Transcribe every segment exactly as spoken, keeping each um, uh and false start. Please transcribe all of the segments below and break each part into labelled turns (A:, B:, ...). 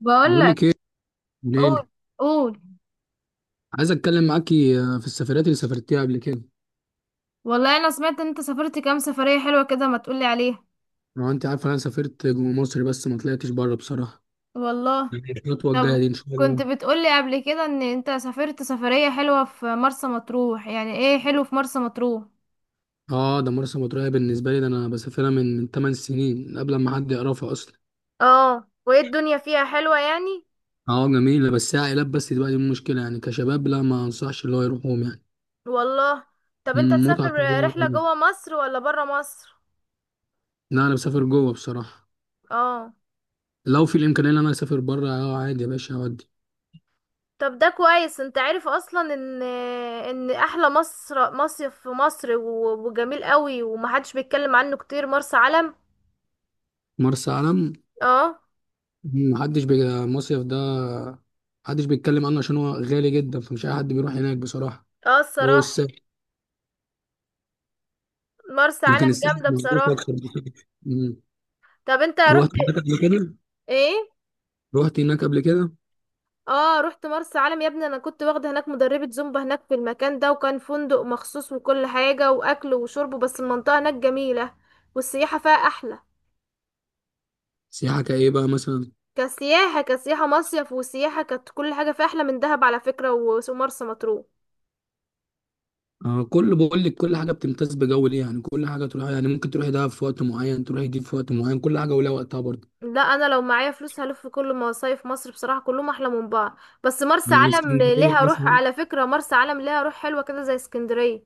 A: بقول
B: بقول
A: لك.
B: لك ايه، ليلي.
A: قول. قول.
B: عايز اتكلم معاكي آه، في السفرات اللي سافرتيها قبل كده.
A: والله انا سمعت ان انت سافرت كام سفرية حلوة كده، ما تقولي عليها؟
B: لو انت عارفه انا سافرت جوه مصر بس ما طلعتش بره بصراحه.
A: والله.
B: يعني الخطوه الجايه
A: طب
B: دي ان شاء
A: كنت
B: الله.
A: بتقولي قبل كده ان انت سافرت سفرية حلوة في مرسى مطروح، يعني ايه حلو في مرسى مطروح؟
B: اه، ده مرسى مطروح بالنسبه لي، ده انا بسافرها من من 8 سنين قبل ما حد يعرفها اصلا.
A: اه وايه الدنيا فيها حلوة يعني؟
B: اه جميله بس هي عائلات بس دلوقتي، دي المشكله، يعني كشباب لا ما انصحش اللي هو يروحهم يعني.
A: والله. طب انت
B: مم، متعه
A: تسافر
B: كلها.
A: رحلة جوه مصر ولا برا مصر؟
B: لا انا بسافر جوه بصراحه.
A: اه.
B: لو في الامكانيه ان انا اسافر بره اه عادي يا باشا اودي.
A: طب ده كويس، انت عارف اصلا ان ان احلى مصر مصيف في مصر و- وجميل قوي ومحدش بيتكلم عنه كتير، مرسى علم.
B: مرسى علم
A: اه.
B: محدش بي... المصيف ده محدش بيتكلم عنه عشان هو غالي جدا فمش اي حد بيروح هناك بصراحه.
A: اه
B: هو
A: الصراحة،
B: الساحل،
A: مرسى
B: لكن
A: علم
B: الساحل
A: جامدة
B: مظبوط
A: بصراحة.
B: اكتر بصراحه. مم.
A: طب انت رحت؟
B: روحت هناك قبل كده.
A: ايه.
B: روحت هناك قبل كده.
A: اه رحت مرسى علم يا ابني، انا كنت واخدة هناك مدربة زومبا هناك في المكان ده، وكان فندق مخصوص وكل حاجة، واكل وشرب، بس المنطقة هناك جميلة والسياحة فيها احلى.
B: سياحه كايه بقى مثلا.
A: كسياحة، كسياحة مصيف وسياحة، كانت كل حاجة فيها احلى من دهب على فكرة و- ومرسى مطروح.
B: آه كل بقول لك كل حاجه بتمتاز بجو ليه، يعني كل حاجه تروحها، يعني ممكن تروحي دهب في وقت معين، تروحي دي في وقت معين، كل حاجه ولها وقتها برضه.
A: لا انا لو معايا فلوس هلف في كل مصايف مصر بصراحة، كلهم احلى من بعض، بس مرسى
B: يعني
A: علم
B: اسكندريه
A: ليها روح
B: مثلا.
A: على فكرة، مرسى علم ليها روح حلوة كده زي اسكندرية.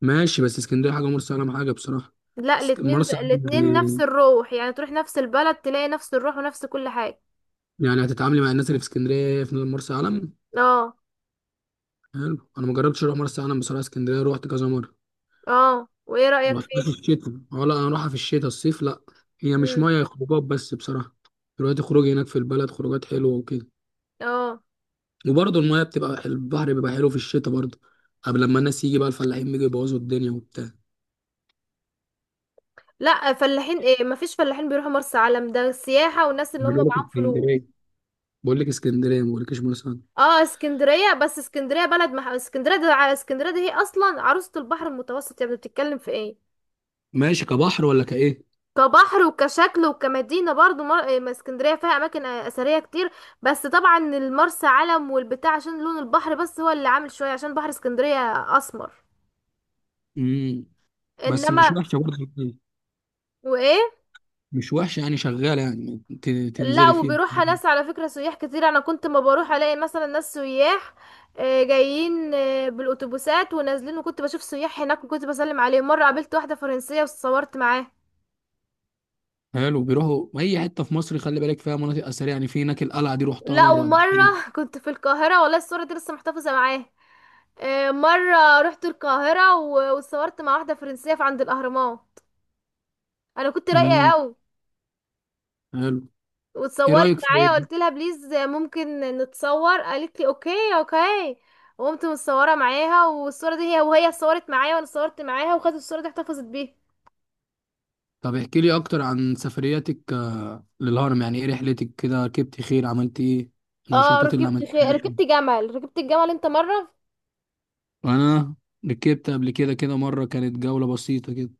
B: ماشي بس اسكندريه حاجه ومرسى علم حاجه بصراحه.
A: لا
B: اسك-
A: الاتنين
B: مرسى
A: زي...
B: علم
A: الاتنين نفس
B: يعني.
A: الروح، يعني تروح نفس البلد تلاقي نفس الروح ونفس كل حاجة.
B: يعني هتتعاملي مع الناس اللي في اسكندريه في مرسى علم.
A: اه.
B: حلو. انا ما جربتش اروح مرسى علم بصراحه، اسكندريه رحت كذا مره.
A: اه وايه
B: ما
A: رأيك
B: رحتش
A: فيه؟
B: في الشتاء، اه لا انا اروحها في الشتاء، الصيف لا. هي مش
A: امم.
B: ميه، هي خروجات بس بصراحه. دلوقتي خروج هناك في البلد، خروجات حلوه وكده.
A: اه
B: وبرضه الميه بتبقى حل- البحر بيبقى حلو في الشتاء برضه. قبل لما الناس يجي بقى الفلاحين بيجوا يبوظوا الدنيا وبتاع.
A: لا، فلاحين ايه، مفيش فلاحين بيروحوا مرسى علم، ده سياحة والناس اللي
B: أنا
A: هم
B: بقول لك
A: معاهم فلوس.
B: اسكندريه، بقول لك اسكندريه ما بقولكش مرسى علم.
A: اه اسكندرية، بس اسكندرية بلد مح... اسكندرية ده ع- اسكندرية دي هي اصلا عروسة البحر المتوسط، يعني بتتكلم في ايه.
B: ماشي كبحر ولا كايه.
A: كبحر وكشكل وكمدينة برضو مر... إيه، ما اسكندرية فيها أماكن آه، أثرية كتير. بس طبعا المرسى علم والبتاع عشان لون البحر بس هو اللي عامل شوية، عشان بحر اسكندرية أسمر.
B: امم. بس مش
A: إنما
B: وحشه برضه.
A: وإيه.
B: مش وحشه يعني، شغاله يعني ت-
A: لا
B: تنزلي فيها.
A: وبيروحها ناس على فكرة، سياح كتير، أنا كنت ما بروح ألاقي مثلا ناس سياح آه، جايين آه، بالأتوبيسات ونازلين، وكنت بشوف سياح هناك وكنت بسلم عليهم، مرة قابلت واحدة فرنسية وصورت معاها.
B: حلو. بيروحوا اي حته في مصر خلي بالك، فيها مناطق اثريه، يعني في هناك القلعه دي روحتها
A: لا
B: مره قبل كده.
A: ومرة كنت في القاهرة، والله الصورة دي لسه محتفظة معاها. آه، مرة رحت القاهرة و- واتصورت مع واحدة فرنسية في عند الأهرامات، أنا كنت رايقة
B: امم.
A: قوي
B: حلو. ايه
A: واتصورت
B: رايك في؟
A: معايا، قلت لها بليز ممكن نتصور، قالت لي اوكي اوكي، وقمت متصورة معاها والصورة دي هي وهي اتصورت معايا وانا اتصورت معاها، وخدت الصورة دي احتفظت بيها.
B: طب احكي لي اكتر عن سفرياتك آه، للهرم، يعني ايه رحلتك كده، ركبت خيل، عملت ايه،
A: اه
B: النشاطات اللي
A: ركبت خي...
B: عملتها.
A: ركبت جمل، ركبت الجمل انت مرة؟
B: انا ركبت قبل كده كده مره كانت جوله بسيطه كده.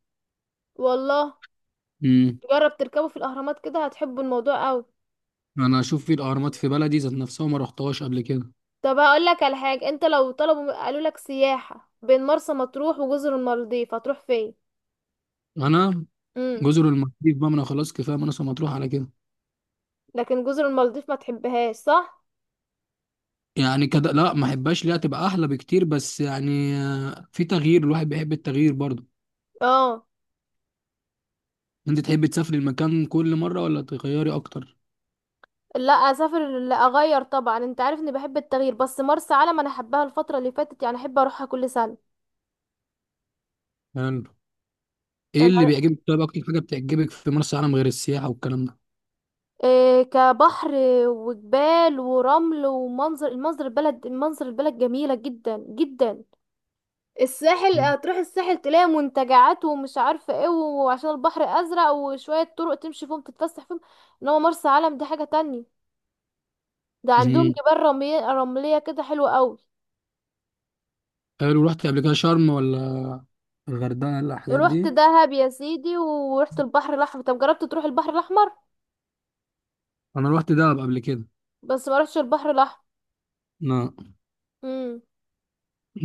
A: والله
B: امم.
A: جرب تركبه في الأهرامات كده، هتحبوا الموضوع قوي.
B: انا اشوف في الاهرامات في بلدي ذات نفسها ما رحتهاش قبل كده.
A: طب هقول لك على حاجة، انت لو طلبوا قالوا لك سياحة بين مرسى مطروح وجزر المالديف هتروح فين؟
B: انا.
A: امم.
B: جزر المالديف بقى، ما انا خلاص كفايه مناصة مطروح على كده.
A: لكن جزر المالديف ما تحبهاش صح؟
B: يعني كده لا ما احبهاش، ليها تبقى احلى بكتير، بس يعني آه، في تغيير الواحد بيحب التغيير برضه.
A: اه.
B: انت تحب تسافري المكان كل مره ولا تغيري اكتر؟
A: لا اسافر، لا اغير طبعا، انت عارف اني بحب التغيير، بس مرسى علم انا حباها الفترة اللي فاتت، يعني احب اروحها كل سنة.
B: يعني ايه اللي
A: انا
B: بيعجبك؟ طيب اكتر حاجه بتعجبك في مرسى علم غير السياحه والكلام ده؟
A: إيه، كبحر وجبال ورمل ومنظر، المنظر البلد، منظر البلد جميلة جدا جدا. الساحل هتروح الساحل تلاقي منتجعات ومش عارفه ايه، وعشان البحر ازرق، وشويه طرق تمشي فيهم تتفسح فيهم. انما مرسى علم دي حاجه تانية، ده عندهم
B: امم.
A: جبال رمليه، رمليه كده حلوه قوي.
B: حلو. رحت قبل كده شرم ولا الغردقه ولا الحاجات
A: رحت
B: دي؟
A: دهب يا سيدي ورحت البحر الاحمر، طب جربت تروح البحر الاحمر؟
B: انا رحت دهب قبل كده.
A: بس ما رحتش البحر الاحمر.
B: لا.
A: امم.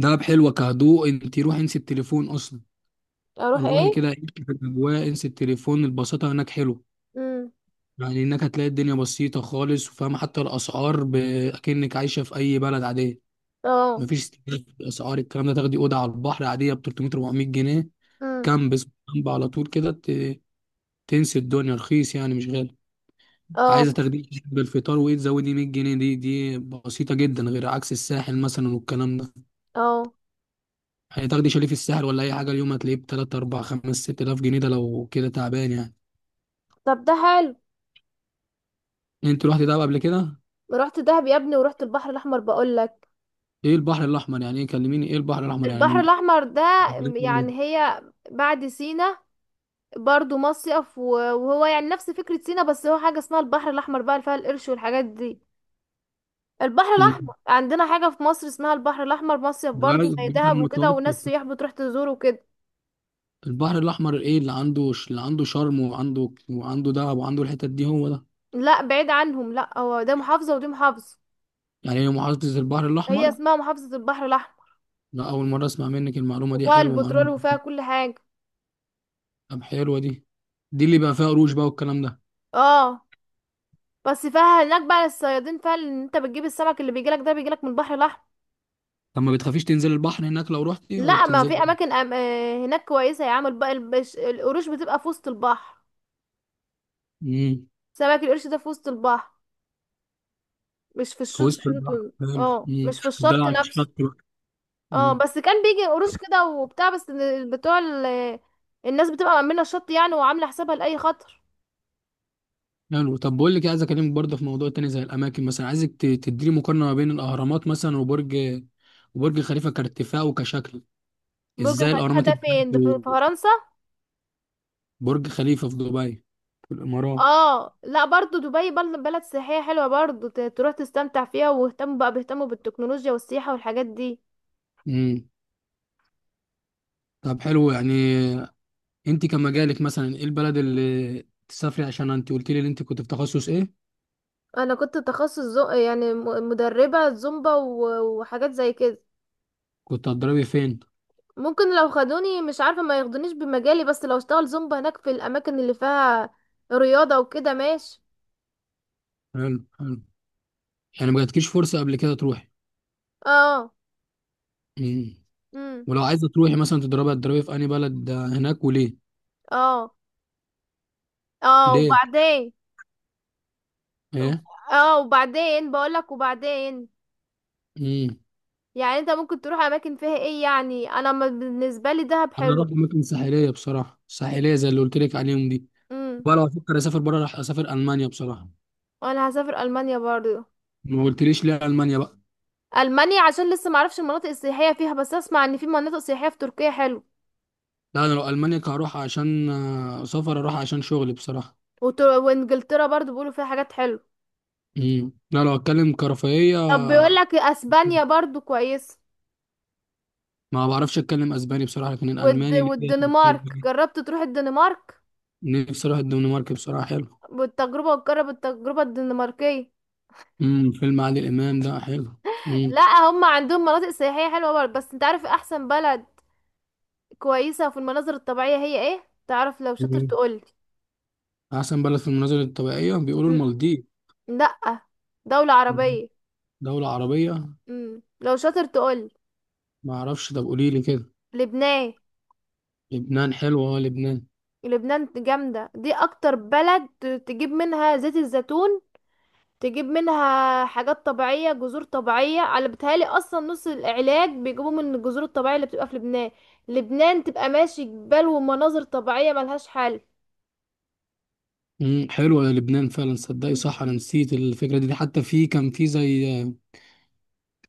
B: دهب حلوه كهدوء، انت روحي انسي التليفون اصلا.
A: اروح
B: روحي
A: ايه؟
B: كده عيشي في الاجواء، انسي التليفون، البساطه هناك حلوه.
A: امم.
B: يعني انك هتلاقي الدنيا بسيطة خالص، وفاهمة حتى الاسعار ب- اكنك عايشة في اي بلد عادية.
A: اه.
B: مفيش استهلاك في الاسعار الكلام ده. تاخدي اوضة على البحر عادية ب ثلاثمية اربعمية جنيه.
A: امم.
B: كامب اسمه كامب على طول كده ت- تنسي الدنيا. رخيص يعني، مش غالي. عايزة
A: اه.
B: تاخديه بالفطار وايه تزودي مية جنيه، دي دي بسيطة جدا غير عكس الساحل مثلا والكلام ده.
A: اه
B: هتاخدي شاليه في الساحل ولا اي حاجة اليوم هتلاقيه ب تلاتة اربعة خمسة ست الاف جنيه، ده لو كده تعبان يعني.
A: طب ده حلو.
B: انت رحتي دهب قبل كده؟
A: رحت دهب يا ابني ورحت البحر الاحمر بقول لك.
B: ايه البحر الاحمر يعني؟ ايه كلميني، ايه البحر الاحمر
A: البحر
B: يعني؟
A: الاحمر ده، يعني هي بعد سينا، برضو مصيف و- وهو يعني نفس فكرة سينا، بس هو حاجة اسمها البحر الأحمر بقى، اللي فيها القرش والحاجات دي. البحر الأحمر
B: مم.
A: عندنا حاجة في مصر اسمها البحر الأحمر، مصيف
B: بعد
A: برضو زي
B: بعد
A: دهب وكده، وناس
B: المتوسط.
A: سياح بتروح تزور وكده.
B: البحر الاحمر ايه اللي عنده؟ ش- اللي عنده شرم وعنده وعنده دهب وعنده الحتت دي، هو ده.
A: لا بعيد عنهم، لا هو ده محافظة ودي محافظة.
B: يعني هي محافظه البحر
A: هي
B: الاحمر.
A: اسمها محافظة البحر الأحمر،
B: لا اول مره اسمع منك المعلومه دي،
A: وفيها
B: حلوه
A: البترول
B: معلومه.
A: وفيها كل حاجة.
B: طب حلوه دي. دي اللي بقى فيها قروش بقى والكلام ده.
A: اه. بس فيها هناك بقى الصيادين، فيها ان انت بتجيب السمك اللي بيجيلك ده بيجيلك من البحر الأحمر.
B: طب ما بتخافيش تنزل البحر هناك لو رحتي ولا
A: لا ما في
B: بتنزلي؟
A: أماكن أم... آه، هناك كويسة يا عم، الب... البش... القروش بتبقى في وسط البحر.
B: امم.
A: سمك القرش ده في وسط البحر، مش في
B: في
A: الشط،
B: وسط البحر،
A: الشط
B: حلو.
A: اه
B: امم.
A: مش في
B: تفضلي
A: الشط
B: على
A: نفسه.
B: الشط بقى.
A: اه
B: امم.
A: بس كان بيجي قروش كده وبتاع، بس ال- بتوع ال- الناس بتبقى مأمنة الشط يعني، وعاملة حسابها لأي خطر.
B: حلو. طب بقول لك إيه، عايز اكلمك برضه في موضوع تاني زي الاماكن مثلا، عايزك ت- تديني مقارنه ما بين الاهرامات مثلا وبرج، وبرج خليفه كارتفاع وكشكل.
A: برج
B: ازاي
A: خليفة
B: الاهرامات
A: ده
B: اتبنت
A: فين، ده في في
B: في.
A: فرنسا؟
B: برج خليفه في دبي، في الامارات.
A: اه لا برضو دبي بل- بلد سياحية حلوة برضو، ت- تروح تستمتع فيها، واهتموا بقى، بيهتموا بالتكنولوجيا والسياحة والحاجات دي.
B: امم. طب حلو يعني، انت كمجالك مثلا ايه البلد اللي تسافري؟ عشان انت قلت لي ان انت كنت في تخصص ايه.
A: انا كنت تخصص زو... يعني م- مدربة زومبا و- وحاجات زي كده.
B: كنت هتضربي فين؟
A: ممكن لو خدوني، مش عارفة ما ياخدونيش بمجالي، بس لو اشتغل زومبا هناك في الأماكن اللي فيها رياضة وكده ماشي.
B: حلو حلو. يعني ما جاتكيش فرصه قبل كده تروحي.
A: اه.
B: امم.
A: امم.
B: ولو عايزه تروحي مثلا تضربي، هتضربي في انهي بلد هناك وليه؟
A: اه. اه
B: ليه؟
A: وبعدين.
B: ايه؟
A: اه وبعدين بقولك وبعدين،
B: امم.
A: يعني انت ممكن تروح أماكن فيها ايه، يعني انا ما- بالنسبة لي دهب
B: انا
A: حلو.
B: رحت اماكن ساحليه بصراحه، ساحليه زي اللي قلت لك عليهم دي.
A: امم.
B: بقى لو افكر اسافر بره راح اسافر المانيا بصراحه.
A: وانا هسافر ألمانيا برضو.
B: ما قلتليش ليه المانيا بقى.
A: ألمانيا عشان لسه معرفش المناطق السياحية فيها، بس اسمع ان في مناطق سياحية في تركيا حلو.
B: لا انا لو المانيا كهروح عشان آه، سفر، اروح عشان شغلي بصراحه.
A: وتر... وانجلترا برضو بيقولوا فيها حاجات حلوة.
B: امم. لا لو اتكلم كرفاهيه.
A: طب بيقولك اسبانيا برضو كويسة.
B: ما بعرفش اتكلم اسباني بصراحه لكن
A: والد...
B: الالماني اللي هي
A: والدنمارك
B: خلفية.
A: جربت تروح الدنمارك؟
B: نفسي اروح الدنمارك بصراحه، حلو.
A: بالتجربة، وتجرب التجربة الدنماركية.
B: امم. فيلم عادل امام ده حلو. امم.
A: لا. هم عندهم مناطق سياحية حلوة برضه، بس انت عارف احسن بلد كويسة في المناظر الطبيعية هي ايه؟ تعرف؟ لو شاطر
B: مم.
A: تقولي.
B: احسن بلد في المناظر الطبيعيه بيقولوا
A: م-.
B: المالديف.
A: لا، دولة
B: مم.
A: عربية.
B: دوله عربيه.
A: م. لو شاطر تقولي.
B: ما اعرفش، طب قولي لي كده.
A: لبنان.
B: لبنان حلوه، اه لبنان.
A: لبنان جامدة، دي اكتر بلد تجيب منها زيت الزيتون، تجيب منها حاجات طبيعية، جذور طبيعية، على بتهيألي أصلا نص العلاج بيجيبوه من الجذور الطبيعية اللي بتبقى في لبنان. لبنان تبقى ماشي، جبال ومناظر طبيعية ملهاش حل.
B: امم. حلوه يا لبنان فعلا صدقي صح، انا نسيت الفكره دي. حتى في كان في زي آه،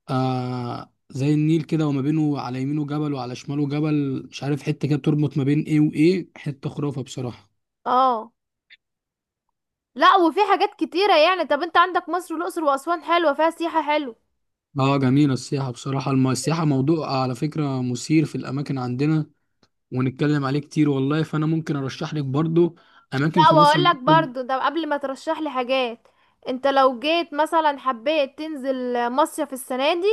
B: آه زي النيل كده، وما بينه على يمينه جبل وعلى شماله جبل، مش عارف حتة كده بتربط ما بين ايه وايه، حتة خرافة بصراحة.
A: اه. لا وفي حاجات كتيرة يعني، طب انت عندك مصر والأقصر وأسوان حلوة، فيها سياحة حلوة.
B: اه جميلة السياحة بصراحة. الم- السياحة موضوع على فكرة مثير في الأماكن عندنا، ونتكلم عليه كتير والله. فأنا ممكن أرشح لك برضو أماكن
A: لا
B: في مصر
A: واقول لك
B: ممكن.
A: برضو ده قبل ما ترشح لي حاجات، انت لو جيت مثلا حبيت تنزل مصيف السنه دي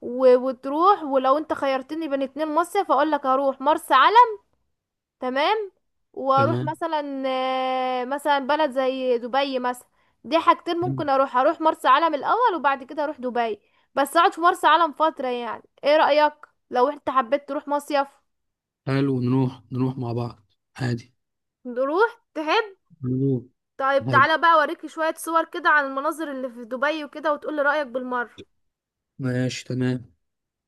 A: و... وتروح، ولو انت خيرتني بين اتنين مصيف، اقول لك هروح مرسى، تمام، واروح
B: تمام.
A: مثلا آه، مثلا بلد زي دبي مثلا. دي حاجتين ممكن اروح، اروح مرسى علم الاول وبعد كده اروح دبي، بس اقعد في مرسى علم فترة، يعني ايه رأيك لو انت حبيت تروح مصيف؟
B: حلو، نروح نروح مع بعض عادي.
A: نروح تحب.
B: نروح.
A: طيب
B: حلو،
A: تعالى بقى اوريكي شوية صور كده عن المناظر اللي في دبي وكده، وتقولي رأيك بالمرة.
B: ماشي تمام.